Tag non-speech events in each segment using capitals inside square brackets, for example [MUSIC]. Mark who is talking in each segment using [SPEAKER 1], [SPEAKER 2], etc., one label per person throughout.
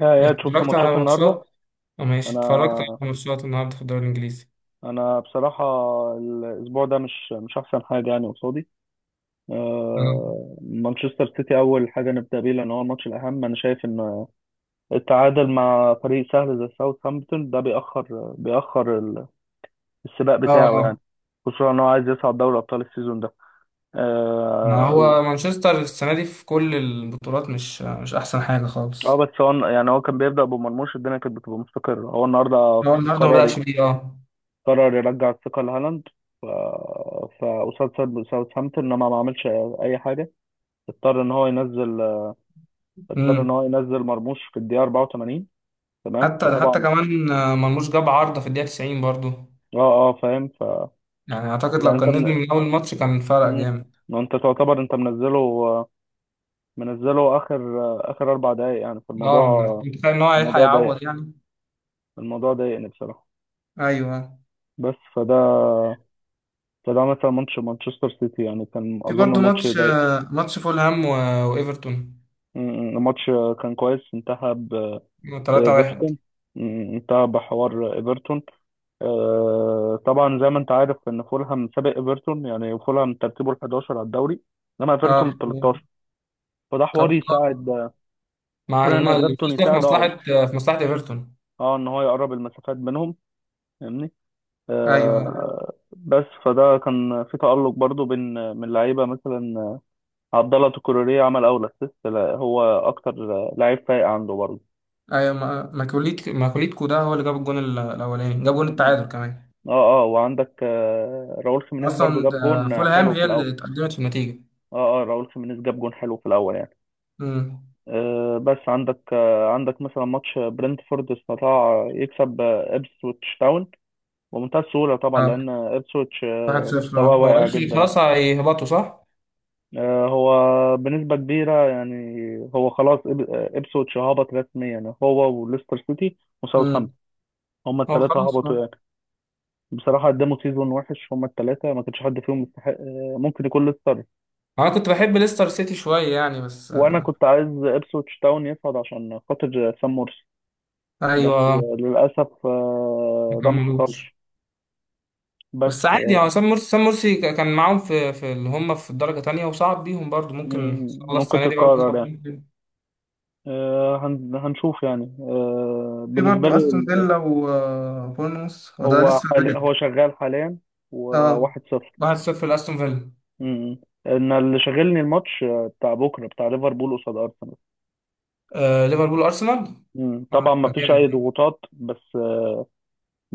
[SPEAKER 1] يا شفت
[SPEAKER 2] اتفرجت
[SPEAKER 1] ماتشات
[SPEAKER 2] على
[SPEAKER 1] النهارده؟
[SPEAKER 2] ماتشات
[SPEAKER 1] انا
[SPEAKER 2] ماشي، اتفرجت على ماتشات النهارده في الدوري الانجليزي.
[SPEAKER 1] انا بصراحه، الاسبوع ده مش احسن حاجه يعني قصادي.
[SPEAKER 2] مم.
[SPEAKER 1] مانشستر سيتي اول حاجه نبدا بيه لان هو الماتش الاهم. انا شايف ان التعادل مع فريق سهل زي ساوثهامبتون ده بيأخر السباق
[SPEAKER 2] اه،
[SPEAKER 1] بتاعه يعني،
[SPEAKER 2] اه.
[SPEAKER 1] خصوصا ان هو عايز يصعد دوري ابطال السيزون ده.
[SPEAKER 2] ما
[SPEAKER 1] اه.
[SPEAKER 2] هو مانشستر السنه دي في كل البطولات مش احسن حاجه خالص.
[SPEAKER 1] بس هو يعني هو كان بيبدا بمرموش الدنيا كانت بتبقى مستقره. هو النهارده
[SPEAKER 2] هو النهارده ما
[SPEAKER 1] قرر
[SPEAKER 2] بدأش بيه، اه.
[SPEAKER 1] قرر يرجع الثقة لهالاند. ف... فقصاد ساوثهامبتون لما ما عملش أي حاجة، اضطر إن هو ينزل اضطر
[SPEAKER 2] امم.
[SPEAKER 1] إن هو ينزل مرموش في الدقيقة 84. تمام،
[SPEAKER 2] حتى
[SPEAKER 1] فطبعا
[SPEAKER 2] كمان مرموش جاب عارضه في الدقيقه 90 برضو.
[SPEAKER 1] اه اه فاهم. ف
[SPEAKER 2] يعني اعتقد
[SPEAKER 1] يعني
[SPEAKER 2] لو
[SPEAKER 1] انت
[SPEAKER 2] كان نزل
[SPEAKER 1] من...
[SPEAKER 2] من اول ماتش كان فرق
[SPEAKER 1] مم.
[SPEAKER 2] جامد.
[SPEAKER 1] ما انت تعتبر انت منزله اخر 4 دقايق يعني،
[SPEAKER 2] اه،
[SPEAKER 1] فالموضوع
[SPEAKER 2] متخيل ان هو هيلحق
[SPEAKER 1] الموضوع ضايق
[SPEAKER 2] يعوض يعني.
[SPEAKER 1] الموضوع ضايقني بصراحة.
[SPEAKER 2] ايوه.
[SPEAKER 1] بس فده مثلا ماتش مانشستر سيتي يعني كان
[SPEAKER 2] في
[SPEAKER 1] اظن
[SPEAKER 2] برضو
[SPEAKER 1] ماتش
[SPEAKER 2] ماتش،
[SPEAKER 1] ضايق.
[SPEAKER 2] فولهام وايفرتون
[SPEAKER 1] مم. الماتش كان كويس، انتهى
[SPEAKER 2] 3-1.
[SPEAKER 1] بإيفرتون. متابع حوار إيفرتون؟ آه طبعا، زي ما أنت عارف إن فولهام سابق إيفرتون. يعني فولهام ترتيبه ال 11 على الدوري، إنما
[SPEAKER 2] اه،
[SPEAKER 1] إيفرتون ال 13. فده حوار
[SPEAKER 2] كابو.
[SPEAKER 1] يساعد
[SPEAKER 2] مع
[SPEAKER 1] كون إن إيفرتون
[SPEAKER 2] الفوز ده في
[SPEAKER 1] يساعد، أه،
[SPEAKER 2] مصلحة ايفرتون.
[SPEAKER 1] أه، إن هو يقرب المسافات بينهم، فاهمني؟
[SPEAKER 2] ايوه،
[SPEAKER 1] آه، بس فده كان في تألق برضو بين من لعيبة مثلا عبد الله تكوريه، عمل أول أسيست، هو أكتر لعيب فايق عنده برضه.
[SPEAKER 2] ايوه. ماكوليتكو ده هو اللي جاب الجون الاولاني، جاب جون
[SPEAKER 1] م- م.
[SPEAKER 2] التعادل كمان.
[SPEAKER 1] اه اه، وعندك راؤول خيمينيز برضو
[SPEAKER 2] اصلا،
[SPEAKER 1] جاب جون
[SPEAKER 2] فولهام
[SPEAKER 1] حلو في
[SPEAKER 2] هي
[SPEAKER 1] الاول.
[SPEAKER 2] اللي اتقدمت في النتيجه.
[SPEAKER 1] اه اه، راؤول خيمينيز جاب جون حلو في الاول يعني.
[SPEAKER 2] امم.
[SPEAKER 1] آه، بس عندك مثلا ماتش برنتفورد، استطاع يكسب إبسويتش تاون بمنتهى السهوله طبعا،
[SPEAKER 2] اه،
[SPEAKER 1] لان إبسويتش آه
[SPEAKER 2] 1-0. اه،
[SPEAKER 1] مستواه
[SPEAKER 2] هو
[SPEAKER 1] واقع
[SPEAKER 2] ماشي
[SPEAKER 1] جدا يعني.
[SPEAKER 2] خلاص، هيهبطوا صح؟
[SPEAKER 1] آه، هو بنسبه كبيره يعني. هو خلاص إبسويتش هبط رسميا، يعني هو وليستر سيتي
[SPEAKER 2] امم.
[SPEAKER 1] وساوثهامبتون، هما
[SPEAKER 2] هو اه،
[SPEAKER 1] الثلاثه
[SPEAKER 2] خلاص،
[SPEAKER 1] هبطوا
[SPEAKER 2] اه.
[SPEAKER 1] يعني. بصراحه قدموا سيزون وحش، هما الثلاثه ما كانش حد فيهم يستحق، ممكن يكون ليستر.
[SPEAKER 2] انا كنت بحب ليستر سيتي شوية يعني، بس
[SPEAKER 1] وانا
[SPEAKER 2] آه،
[SPEAKER 1] كنت عايز إبسويتش تاون يصعد عشان خاطر سام مورس، بس
[SPEAKER 2] ايوه.
[SPEAKER 1] للأسف
[SPEAKER 2] ما
[SPEAKER 1] ده ما
[SPEAKER 2] كملوش.
[SPEAKER 1] حصلش.
[SPEAKER 2] بس
[SPEAKER 1] بس
[SPEAKER 2] عادي. هو سام مرسي كان معاهم في اللي هم في الدرجة تانية، وصعب بيهم برضو. ممكن ان
[SPEAKER 1] مم،
[SPEAKER 2] شاء الله
[SPEAKER 1] ممكن
[SPEAKER 2] السنة دي برضو
[SPEAKER 1] تتكرر
[SPEAKER 2] يصعب
[SPEAKER 1] يعني.
[SPEAKER 2] بيهم.
[SPEAKER 1] هنشوف يعني.
[SPEAKER 2] في
[SPEAKER 1] بالنسبة
[SPEAKER 2] برضه استون
[SPEAKER 1] لي
[SPEAKER 2] فيلا وبورنموث، هو ده
[SPEAKER 1] هو
[SPEAKER 2] لسه
[SPEAKER 1] هو
[SPEAKER 2] بدري.
[SPEAKER 1] شغال حاليا،
[SPEAKER 2] اه،
[SPEAKER 1] وواحد صفر.
[SPEAKER 2] 1-0 لاستون فيلا.
[SPEAKER 1] مم. أنا اللي شاغلني الماتش بتاع بكرة بتاع ليفربول قصاد أرسنال.
[SPEAKER 2] ليفربول ارسنال.
[SPEAKER 1] مم. طبعا ما
[SPEAKER 2] هيبقى
[SPEAKER 1] فيش أي
[SPEAKER 2] جامد.
[SPEAKER 1] ضغوطات، بس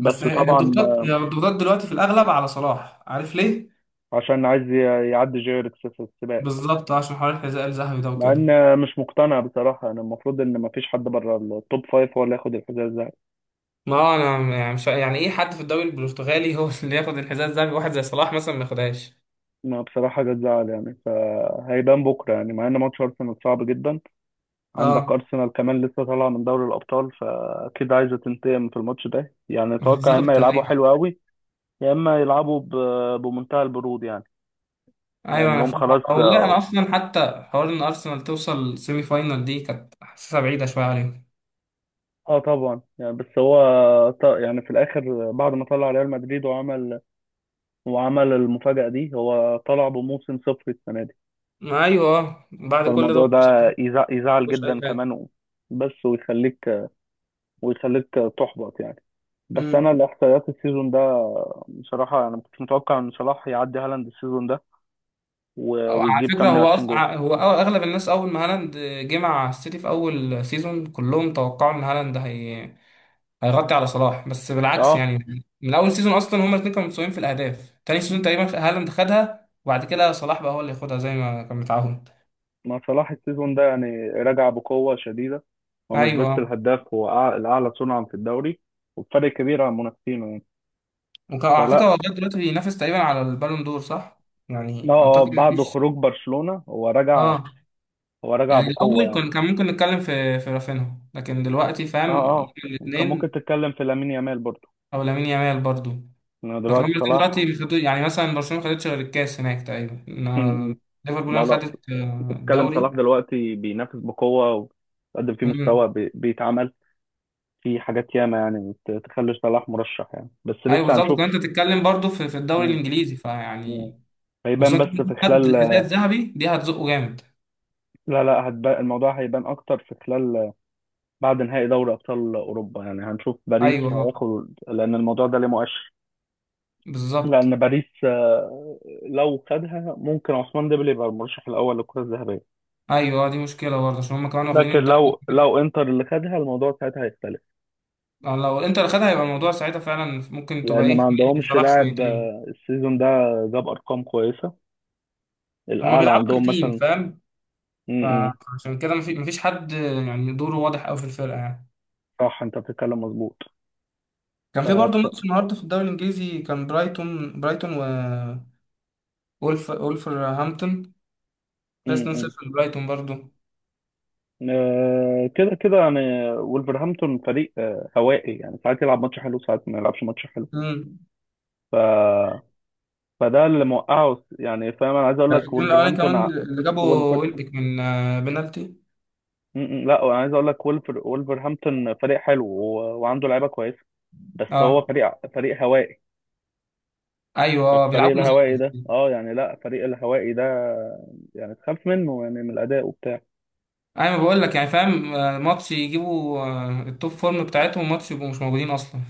[SPEAKER 2] بس هي- هي
[SPEAKER 1] طبعا
[SPEAKER 2] الضغوطات هي الضغوطات دلوقتي في الاغلب على صلاح، عارف ليه؟
[SPEAKER 1] عشان عايز يعدي جيركس في السباق،
[SPEAKER 2] بالظبط، عشان حوار الحذاء الذهبي ده
[SPEAKER 1] مع
[SPEAKER 2] وكده.
[SPEAKER 1] إن مش مقتنع بصراحة أنا. المفروض إن ما فيش حد بره التوب فايف هو اللي ياخد الحذاء.
[SPEAKER 2] ما هو انا يعني مش يعني ايه حد في الدوري البرتغالي هو [LAUGHS] اللي ياخد الحذاء الذهبي؟ واحد زي صلاح مثلا ما ياخدهاش.
[SPEAKER 1] ما بصراحة جت زعل يعني، فهيبان بكرة يعني. مع إن ماتش أرسنال صعب جدا، عندك
[SPEAKER 2] اه،
[SPEAKER 1] أرسنال كمان لسه طالعة من دوري الأبطال، فأكيد عايزة تنتقم في الماتش ده. يعني أتوقع يا إما
[SPEAKER 2] بالظبط،
[SPEAKER 1] يلعبوا
[SPEAKER 2] ايوه.
[SPEAKER 1] حلو قوي، يا إما يلعبوا بمنتهى البرود يعني،
[SPEAKER 2] ايوه، انا
[SPEAKER 1] لأنهم
[SPEAKER 2] فاهم.
[SPEAKER 1] خلاص
[SPEAKER 2] والله
[SPEAKER 1] آه.
[SPEAKER 2] انا اصلا، حتى حوار ان ارسنال توصل سيمي فاينال دي كانت حاسسها بعيده شويه عليهم.
[SPEAKER 1] آه طبعا يعني، بس هو يعني في الآخر بعد ما طلع ريال مدريد وعمل المفاجأة دي، هو طلع بموسم صفر السنة دي.
[SPEAKER 2] ما ايوه، بعد كل ده
[SPEAKER 1] فالموضوع ده
[SPEAKER 2] برضه صحيح.
[SPEAKER 1] يزعل
[SPEAKER 2] مفيش
[SPEAKER 1] جدا
[SPEAKER 2] اي حاجه.
[SPEAKER 1] كمان، بس ويخليك تحبط يعني. بس انا
[SPEAKER 2] امم
[SPEAKER 1] الاحصائيات السيزون ده بصراحه انا ما كنتش متوقع ان صلاح يعدي هالاند السيزون ده
[SPEAKER 2] أو على
[SPEAKER 1] ويجيب
[SPEAKER 2] فكره هو
[SPEAKER 1] 28 جول.
[SPEAKER 2] أصلا اغلب الناس اول ما هالاند جه مع السيتي في اول سيزون كلهم توقعوا ان هالاند هي... هيغطي على صلاح. بس بالعكس
[SPEAKER 1] اه،
[SPEAKER 2] يعني، من اول سيزون اصلا هما الاثنين كانوا متساويين في الاهداف، تاني سيزون تقريبا هالاند خدها، وبعد كده صلاح بقى هو اللي ياخدها زي ما كان متعاهد.
[SPEAKER 1] ما صلاح السيزون ده يعني راجع بقوه شديده، هو مش بس
[SPEAKER 2] ايوه.
[SPEAKER 1] الهداف، هو الاعلى صنعا في الدوري، وبفرق كبير عن منافسينه يعني.
[SPEAKER 2] وكان على فكره
[SPEAKER 1] فلا،
[SPEAKER 2] هو لغايه دلوقتي بينافس تقريبا على البالون دور، صح؟
[SPEAKER 1] لا
[SPEAKER 2] يعني
[SPEAKER 1] اه،
[SPEAKER 2] اعتقد
[SPEAKER 1] بعد
[SPEAKER 2] مفيش.
[SPEAKER 1] خروج برشلونه
[SPEAKER 2] اه،
[SPEAKER 1] هو راجع
[SPEAKER 2] يعني الأول
[SPEAKER 1] بقوه يعني.
[SPEAKER 2] كان ممكن نتكلم في رافينها، لكن دلوقتي
[SPEAKER 1] اه
[SPEAKER 2] فاهم هما
[SPEAKER 1] اه، كان ممكن
[SPEAKER 2] الاتنين.
[SPEAKER 1] تتكلم في لامين يامال برضه
[SPEAKER 2] أو لامين يامال برضو.
[SPEAKER 1] إنه
[SPEAKER 2] لكن هما
[SPEAKER 1] دلوقتي
[SPEAKER 2] الاتنين دلوقتي
[SPEAKER 1] صلاح.
[SPEAKER 2] يعني مثلا برشلونة ما خدتش غير الكاس هناك تقريبا،
[SPEAKER 1] م-
[SPEAKER 2] إنما
[SPEAKER 1] م.
[SPEAKER 2] ليفربول
[SPEAKER 1] لا
[SPEAKER 2] أنا
[SPEAKER 1] لا،
[SPEAKER 2] خدت
[SPEAKER 1] انت بتتكلم صلاح
[SPEAKER 2] الدوري.
[SPEAKER 1] دلوقتي بينافس بقوه، وقدم فيه
[SPEAKER 2] مم.
[SPEAKER 1] مستوى بيتعمل في حاجات ياما، يعني تخلي صلاح مرشح يعني، بس
[SPEAKER 2] أيوه،
[SPEAKER 1] لسه
[SPEAKER 2] بالظبط.
[SPEAKER 1] هنشوف.
[SPEAKER 2] كنت بتتكلم برضو في الدوري
[SPEAKER 1] مم.
[SPEAKER 2] الإنجليزي،
[SPEAKER 1] مم.
[SPEAKER 2] فيعني
[SPEAKER 1] هيبان
[SPEAKER 2] وخصوصا
[SPEAKER 1] بس
[SPEAKER 2] كمان
[SPEAKER 1] في
[SPEAKER 2] خد
[SPEAKER 1] خلال،
[SPEAKER 2] الحذاء الذهبي دي هتزقه جامد.
[SPEAKER 1] لا لا، هتبقى الموضوع هيبان اكتر في خلال بعد نهائي دوري ابطال اوروبا يعني. هنشوف باريس
[SPEAKER 2] أيوه،
[SPEAKER 1] هياخد، لان الموضوع ده ليه مؤشر.
[SPEAKER 2] بالظبط.
[SPEAKER 1] لان باريس لو خدها ممكن عثمان ديمبلي يبقى المرشح الاول للكره الذهبيه،
[SPEAKER 2] أيوه، دي مشكلة برضه، عشان هما كمان واخدين
[SPEAKER 1] لكن
[SPEAKER 2] الدوري.
[SPEAKER 1] لو انتر اللي خدها الموضوع ساعتها هيختلف.
[SPEAKER 2] لو الإنتر خدها يبقى الموضوع ساعتها فعلا ممكن تبقى
[SPEAKER 1] لان ما
[SPEAKER 2] إيه.
[SPEAKER 1] عندهمش
[SPEAKER 2] صلاح
[SPEAKER 1] لاعب
[SPEAKER 2] شويتين.
[SPEAKER 1] السيزون ده جاب ارقام كويسه،
[SPEAKER 2] هما
[SPEAKER 1] الاعلى
[SPEAKER 2] بيلعبوا
[SPEAKER 1] عندهم
[SPEAKER 2] كتيم،
[SPEAKER 1] مثلا.
[SPEAKER 2] فاهم.
[SPEAKER 1] امم،
[SPEAKER 2] فعشان كده مفيش حد. يعني دوره واضح قوي في الفرقه يعني.
[SPEAKER 1] صح، انت بتتكلم مظبوط.
[SPEAKER 2] كان في برضه
[SPEAKER 1] فبص...
[SPEAKER 2] ماتش النهارده في الدوري الانجليزي، كان برايتون و ولفرهامبتون، خلص
[SPEAKER 1] امم،
[SPEAKER 2] 2-0 لبرايتون برضه.
[SPEAKER 1] كده كده يعني. ولفرهامبتون فريق هوائي، يعني ساعات يلعب ماتش حلو ساعات ما يلعبش ماتش حلو.
[SPEAKER 2] امم.
[SPEAKER 1] ف... فده اللي موقعه يعني، فاهم، انا عايز اقول لك
[SPEAKER 2] الجول الاولاني
[SPEAKER 1] ولفرهامبتون
[SPEAKER 2] كمان اللي جابه
[SPEAKER 1] ولفر...
[SPEAKER 2] ويلبك من بنالتي.
[SPEAKER 1] م- م، لا، انا عايز اقول لك ولفرهامبتون فريق حلو، وعنده لعيبه كويسه، بس هو
[SPEAKER 2] اه،
[SPEAKER 1] فريق هوائي.
[SPEAKER 2] ايوه. اه،
[SPEAKER 1] فالفريق
[SPEAKER 2] بيلعبوا
[SPEAKER 1] الهوائي ده
[SPEAKER 2] مزاج.
[SPEAKER 1] لا، فريق الهوائي ده يعني تخاف منه، يعني من الاداء وبتاع.
[SPEAKER 2] ايوه، بقول لك يعني فاهم، ماتش يجيبوا التوب فورم بتاعتهم، وماتش يبقوا مش موجودين اصلا.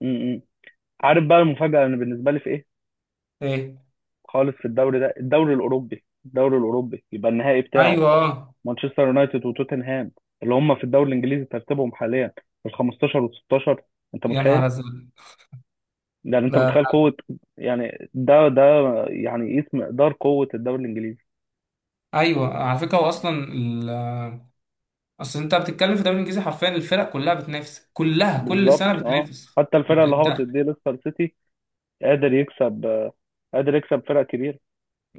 [SPEAKER 1] م -م. عارف بقى المفاجاه انا بالنسبه لي في ايه
[SPEAKER 2] ايه؟
[SPEAKER 1] خالص في الدوري ده؟ الدوري الاوروبي، يبقى النهائي بتاعه
[SPEAKER 2] ايوه، اه.
[SPEAKER 1] مانشستر يونايتد وتوتنهام، اللي هم في الدوري الانجليزي ترتيبهم حاليا ال 15 وال 16. انت
[SPEAKER 2] يا
[SPEAKER 1] متخيل؟
[SPEAKER 2] نهار ازرق.
[SPEAKER 1] يعني انت متخيل
[SPEAKER 2] ده،
[SPEAKER 1] قوه، يعني ده يعني يقيس مقدار قوه الدوري الانجليزي.
[SPEAKER 2] ايوه، على فكره هو اصلا اصل انت بتتكلم في الدوري الانجليزي حرفيا الفرق كلها بتنافس، كلها كل
[SPEAKER 1] بالظبط
[SPEAKER 2] سنه
[SPEAKER 1] اه.
[SPEAKER 2] بتنافس.
[SPEAKER 1] حتى الفرقه
[SPEAKER 2] انت
[SPEAKER 1] اللي
[SPEAKER 2] انت-
[SPEAKER 1] هبطت دي ليستر سيتي قادر يكسب آه، قادر يكسب فرق كبيره.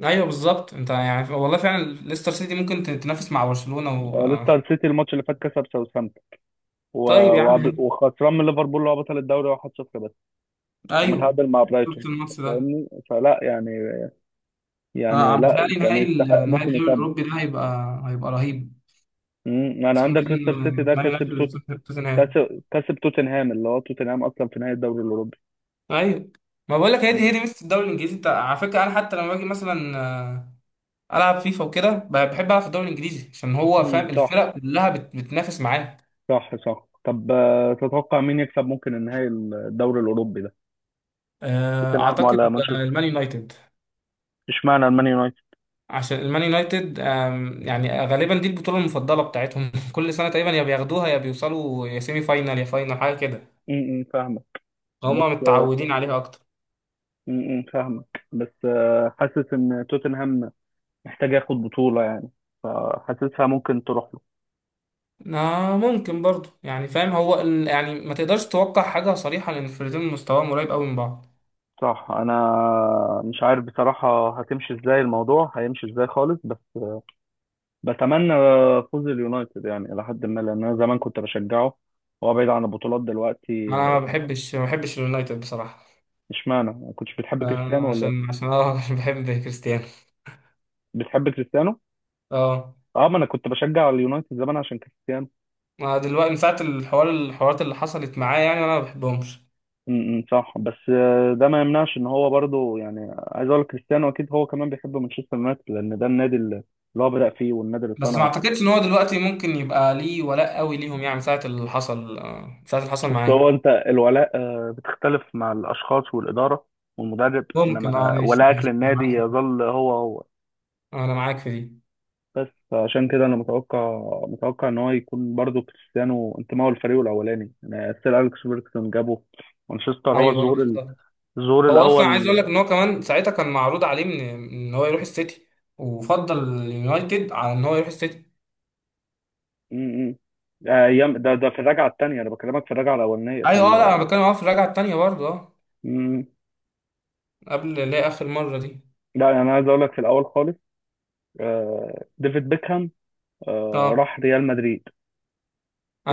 [SPEAKER 2] ايوه، بالظبط. انت يعني والله فعلا، ليستر سيتي ممكن تنافس مع برشلونه و...
[SPEAKER 1] آه،
[SPEAKER 2] آه.
[SPEAKER 1] ليستر سيتي الماتش اللي فات كسب ساوثهامبتون، و-
[SPEAKER 2] طيب يا
[SPEAKER 1] وقبل،
[SPEAKER 2] عم.
[SPEAKER 1] وخسران من ليفربول اللي هو بطل الدوري 1-0 بس،
[SPEAKER 2] ايوه.
[SPEAKER 1] ومتعادل مع برايتون،
[SPEAKER 2] شفت الماتش ده.
[SPEAKER 1] فاهمني؟ فلا يعني،
[SPEAKER 2] انا
[SPEAKER 1] يعني لا،
[SPEAKER 2] متهيألي
[SPEAKER 1] كان
[SPEAKER 2] نهائي
[SPEAKER 1] يستحق
[SPEAKER 2] نهائي
[SPEAKER 1] ممكن
[SPEAKER 2] الدوري
[SPEAKER 1] يكمل.
[SPEAKER 2] الاوروبي ده هيبقى رهيب،
[SPEAKER 1] امم، يعني
[SPEAKER 2] خصوصا
[SPEAKER 1] عندك
[SPEAKER 2] بين
[SPEAKER 1] ليستر سيتي ده
[SPEAKER 2] مان
[SPEAKER 1] كسب
[SPEAKER 2] يونايتد وتوتنهام.
[SPEAKER 1] كسب توتنهام، اللي هو توتنهام اصلا في نهائي الدوري الاوروبي.
[SPEAKER 2] ايوه، ما بقول لك هي دي هي
[SPEAKER 1] امم،
[SPEAKER 2] دي ميزه الدوري الانجليزي. انت على فكره انا حتى لما باجي مثلا العب فيفا وكده بحب العب في الدوري الانجليزي، عشان هو
[SPEAKER 1] أمم،
[SPEAKER 2] فاهم
[SPEAKER 1] صح،
[SPEAKER 2] الفرق كلها بتنافس معاه.
[SPEAKER 1] صح، صح. طب تتوقع مين يكسب ممكن النهائي الدوري الاوروبي ده، توتنهام ولا
[SPEAKER 2] اعتقد
[SPEAKER 1] مانشستر؟
[SPEAKER 2] المان يونايتد.
[SPEAKER 1] اشمعنى المان يونايتد؟
[SPEAKER 2] عشان المان يونايتد يعني غالبا دي البطوله المفضله بتاعتهم [LAUGHS] كل سنه تقريبا، يا بياخدوها يا بيوصلوا، يا سيمي فاينال يا فاينال حاجه كده.
[SPEAKER 1] امم، أمم، فاهمك،
[SPEAKER 2] هما
[SPEAKER 1] بس
[SPEAKER 2] متعودين عليها اكتر.
[SPEAKER 1] م- م، فاهمك، بس حاسس ان توتنهام محتاج ياخد بطولة يعني، فحاسسها ممكن تروح له.
[SPEAKER 2] ممكن برضو، يعني فاهم هو يعني ما تقدرش توقع حاجه صريحه، لان الفريقين مستواهم قريب قوي من بعض.
[SPEAKER 1] صح، انا مش عارف بصراحة هتمشي ازاي، الموضوع هيمشي ازاي خالص، بس بتمنى فوز اليونايتد يعني الى حد ما، لان انا زمان كنت بشجعه، هو بعيد عن البطولات دلوقتي.
[SPEAKER 2] انا ما بحبش اليونايتد بصراحه.
[SPEAKER 1] اشمعنى؟ ما كنتش بتحب
[SPEAKER 2] آه
[SPEAKER 1] كريستيانو ولا
[SPEAKER 2] عشان
[SPEAKER 1] إيه؟
[SPEAKER 2] عشان اه [LAUGHS] عشان بحب كريستيانو.
[SPEAKER 1] بتحب كريستيانو؟
[SPEAKER 2] اه.
[SPEAKER 1] اه، ما انا كنت بشجع اليونايتد زمان عشان كريستيانو.
[SPEAKER 2] ما دلوقتي من ساعة الحوارات اللي حصلت معاه، يعني أنا ما بحبهمش.
[SPEAKER 1] امم، صح، بس ده ما يمنعش ان هو برضو يعني، عايز اقول لك كريستيانو اكيد هو كمان بيحب مانشستر يونايتد، لان ده النادي اللي هو بدأ فيه، والنادي اللي
[SPEAKER 2] بس ما
[SPEAKER 1] صنعه.
[SPEAKER 2] أعتقدش إن هو دلوقتي ممكن يبقى ليه ولاء قوي ليهم، يعني من ساعة اللي حصل
[SPEAKER 1] بس هو
[SPEAKER 2] معاه.
[SPEAKER 1] انت الولاء بتختلف مع الاشخاص والاداره والمدرب،
[SPEAKER 2] ممكن.
[SPEAKER 1] انما
[SPEAKER 2] ماشي،
[SPEAKER 1] ولائك
[SPEAKER 2] ماشي. أنا
[SPEAKER 1] للنادي
[SPEAKER 2] معاك في دي.
[SPEAKER 1] يظل هو هو.
[SPEAKER 2] أنا معاك في دي.
[SPEAKER 1] بس فعشان كده انا متوقع، ان هو يكون برضو كريستيانو انتمائه للفريق الاولاني، يعني سير اليكس فيرجسون جابه مانشستر، هو
[SPEAKER 2] أيوه،
[SPEAKER 1] الظهور
[SPEAKER 2] بالظبط.
[SPEAKER 1] الظهور
[SPEAKER 2] هو أصلا عايز
[SPEAKER 1] الاول.
[SPEAKER 2] أقول لك إن هو كمان ساعتها كان معروض عليه من إن هو يروح السيتي، وفضل اليونايتد على إن هو يروح السيتي.
[SPEAKER 1] امم، ده ايام، ده في الرجعه الثانيه، انا بكلمك في الرجعه الاولانيه
[SPEAKER 2] أيوه، أه. لا، أنا بتكلم في الرجعة التانية برضه.
[SPEAKER 1] مم.
[SPEAKER 2] قبل اللي هي آخر مرة دي.
[SPEAKER 1] لا، انا عايز اقول لك في الاول خالص ديفيد بيكهام
[SPEAKER 2] أه،
[SPEAKER 1] راح ريال مدريد.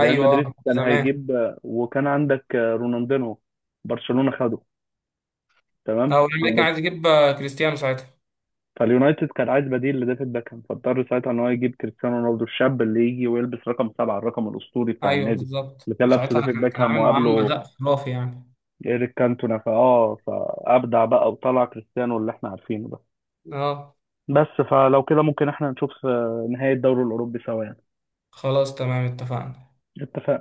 [SPEAKER 1] ريال مدريد كان
[SPEAKER 2] زمان.
[SPEAKER 1] هيجيب وكان عندك رونالدينو، برشلونه خده.
[SPEAKER 2] أه،
[SPEAKER 1] تمام،
[SPEAKER 2] والأمريكان عايز يجيب كريستيانو ساعتها.
[SPEAKER 1] فاليونايتد كان عايز بديل لديفيد بيكهام، فاضطر ساعتها ان هو يجيب كريستيانو رونالدو الشاب اللي يجي ويلبس رقم 7، الرقم الاسطوري بتاع
[SPEAKER 2] ايوه،
[SPEAKER 1] النادي
[SPEAKER 2] بالظبط.
[SPEAKER 1] اللي كان لابسه
[SPEAKER 2] وساعتها
[SPEAKER 1] ديفيد
[SPEAKER 2] كان
[SPEAKER 1] بيكهام
[SPEAKER 2] عامل معاهم
[SPEAKER 1] وقابله
[SPEAKER 2] اداء خرافي يعني.
[SPEAKER 1] ايريك كانتونا، فابدع بقى وطلع كريستيانو اللي احنا عارفينه.
[SPEAKER 2] اه،
[SPEAKER 1] بس فلو كده ممكن احنا نشوف نهاية الدوري الأوروبي سوا يعني.
[SPEAKER 2] خلاص تمام، اتفقنا.
[SPEAKER 1] اتفقنا.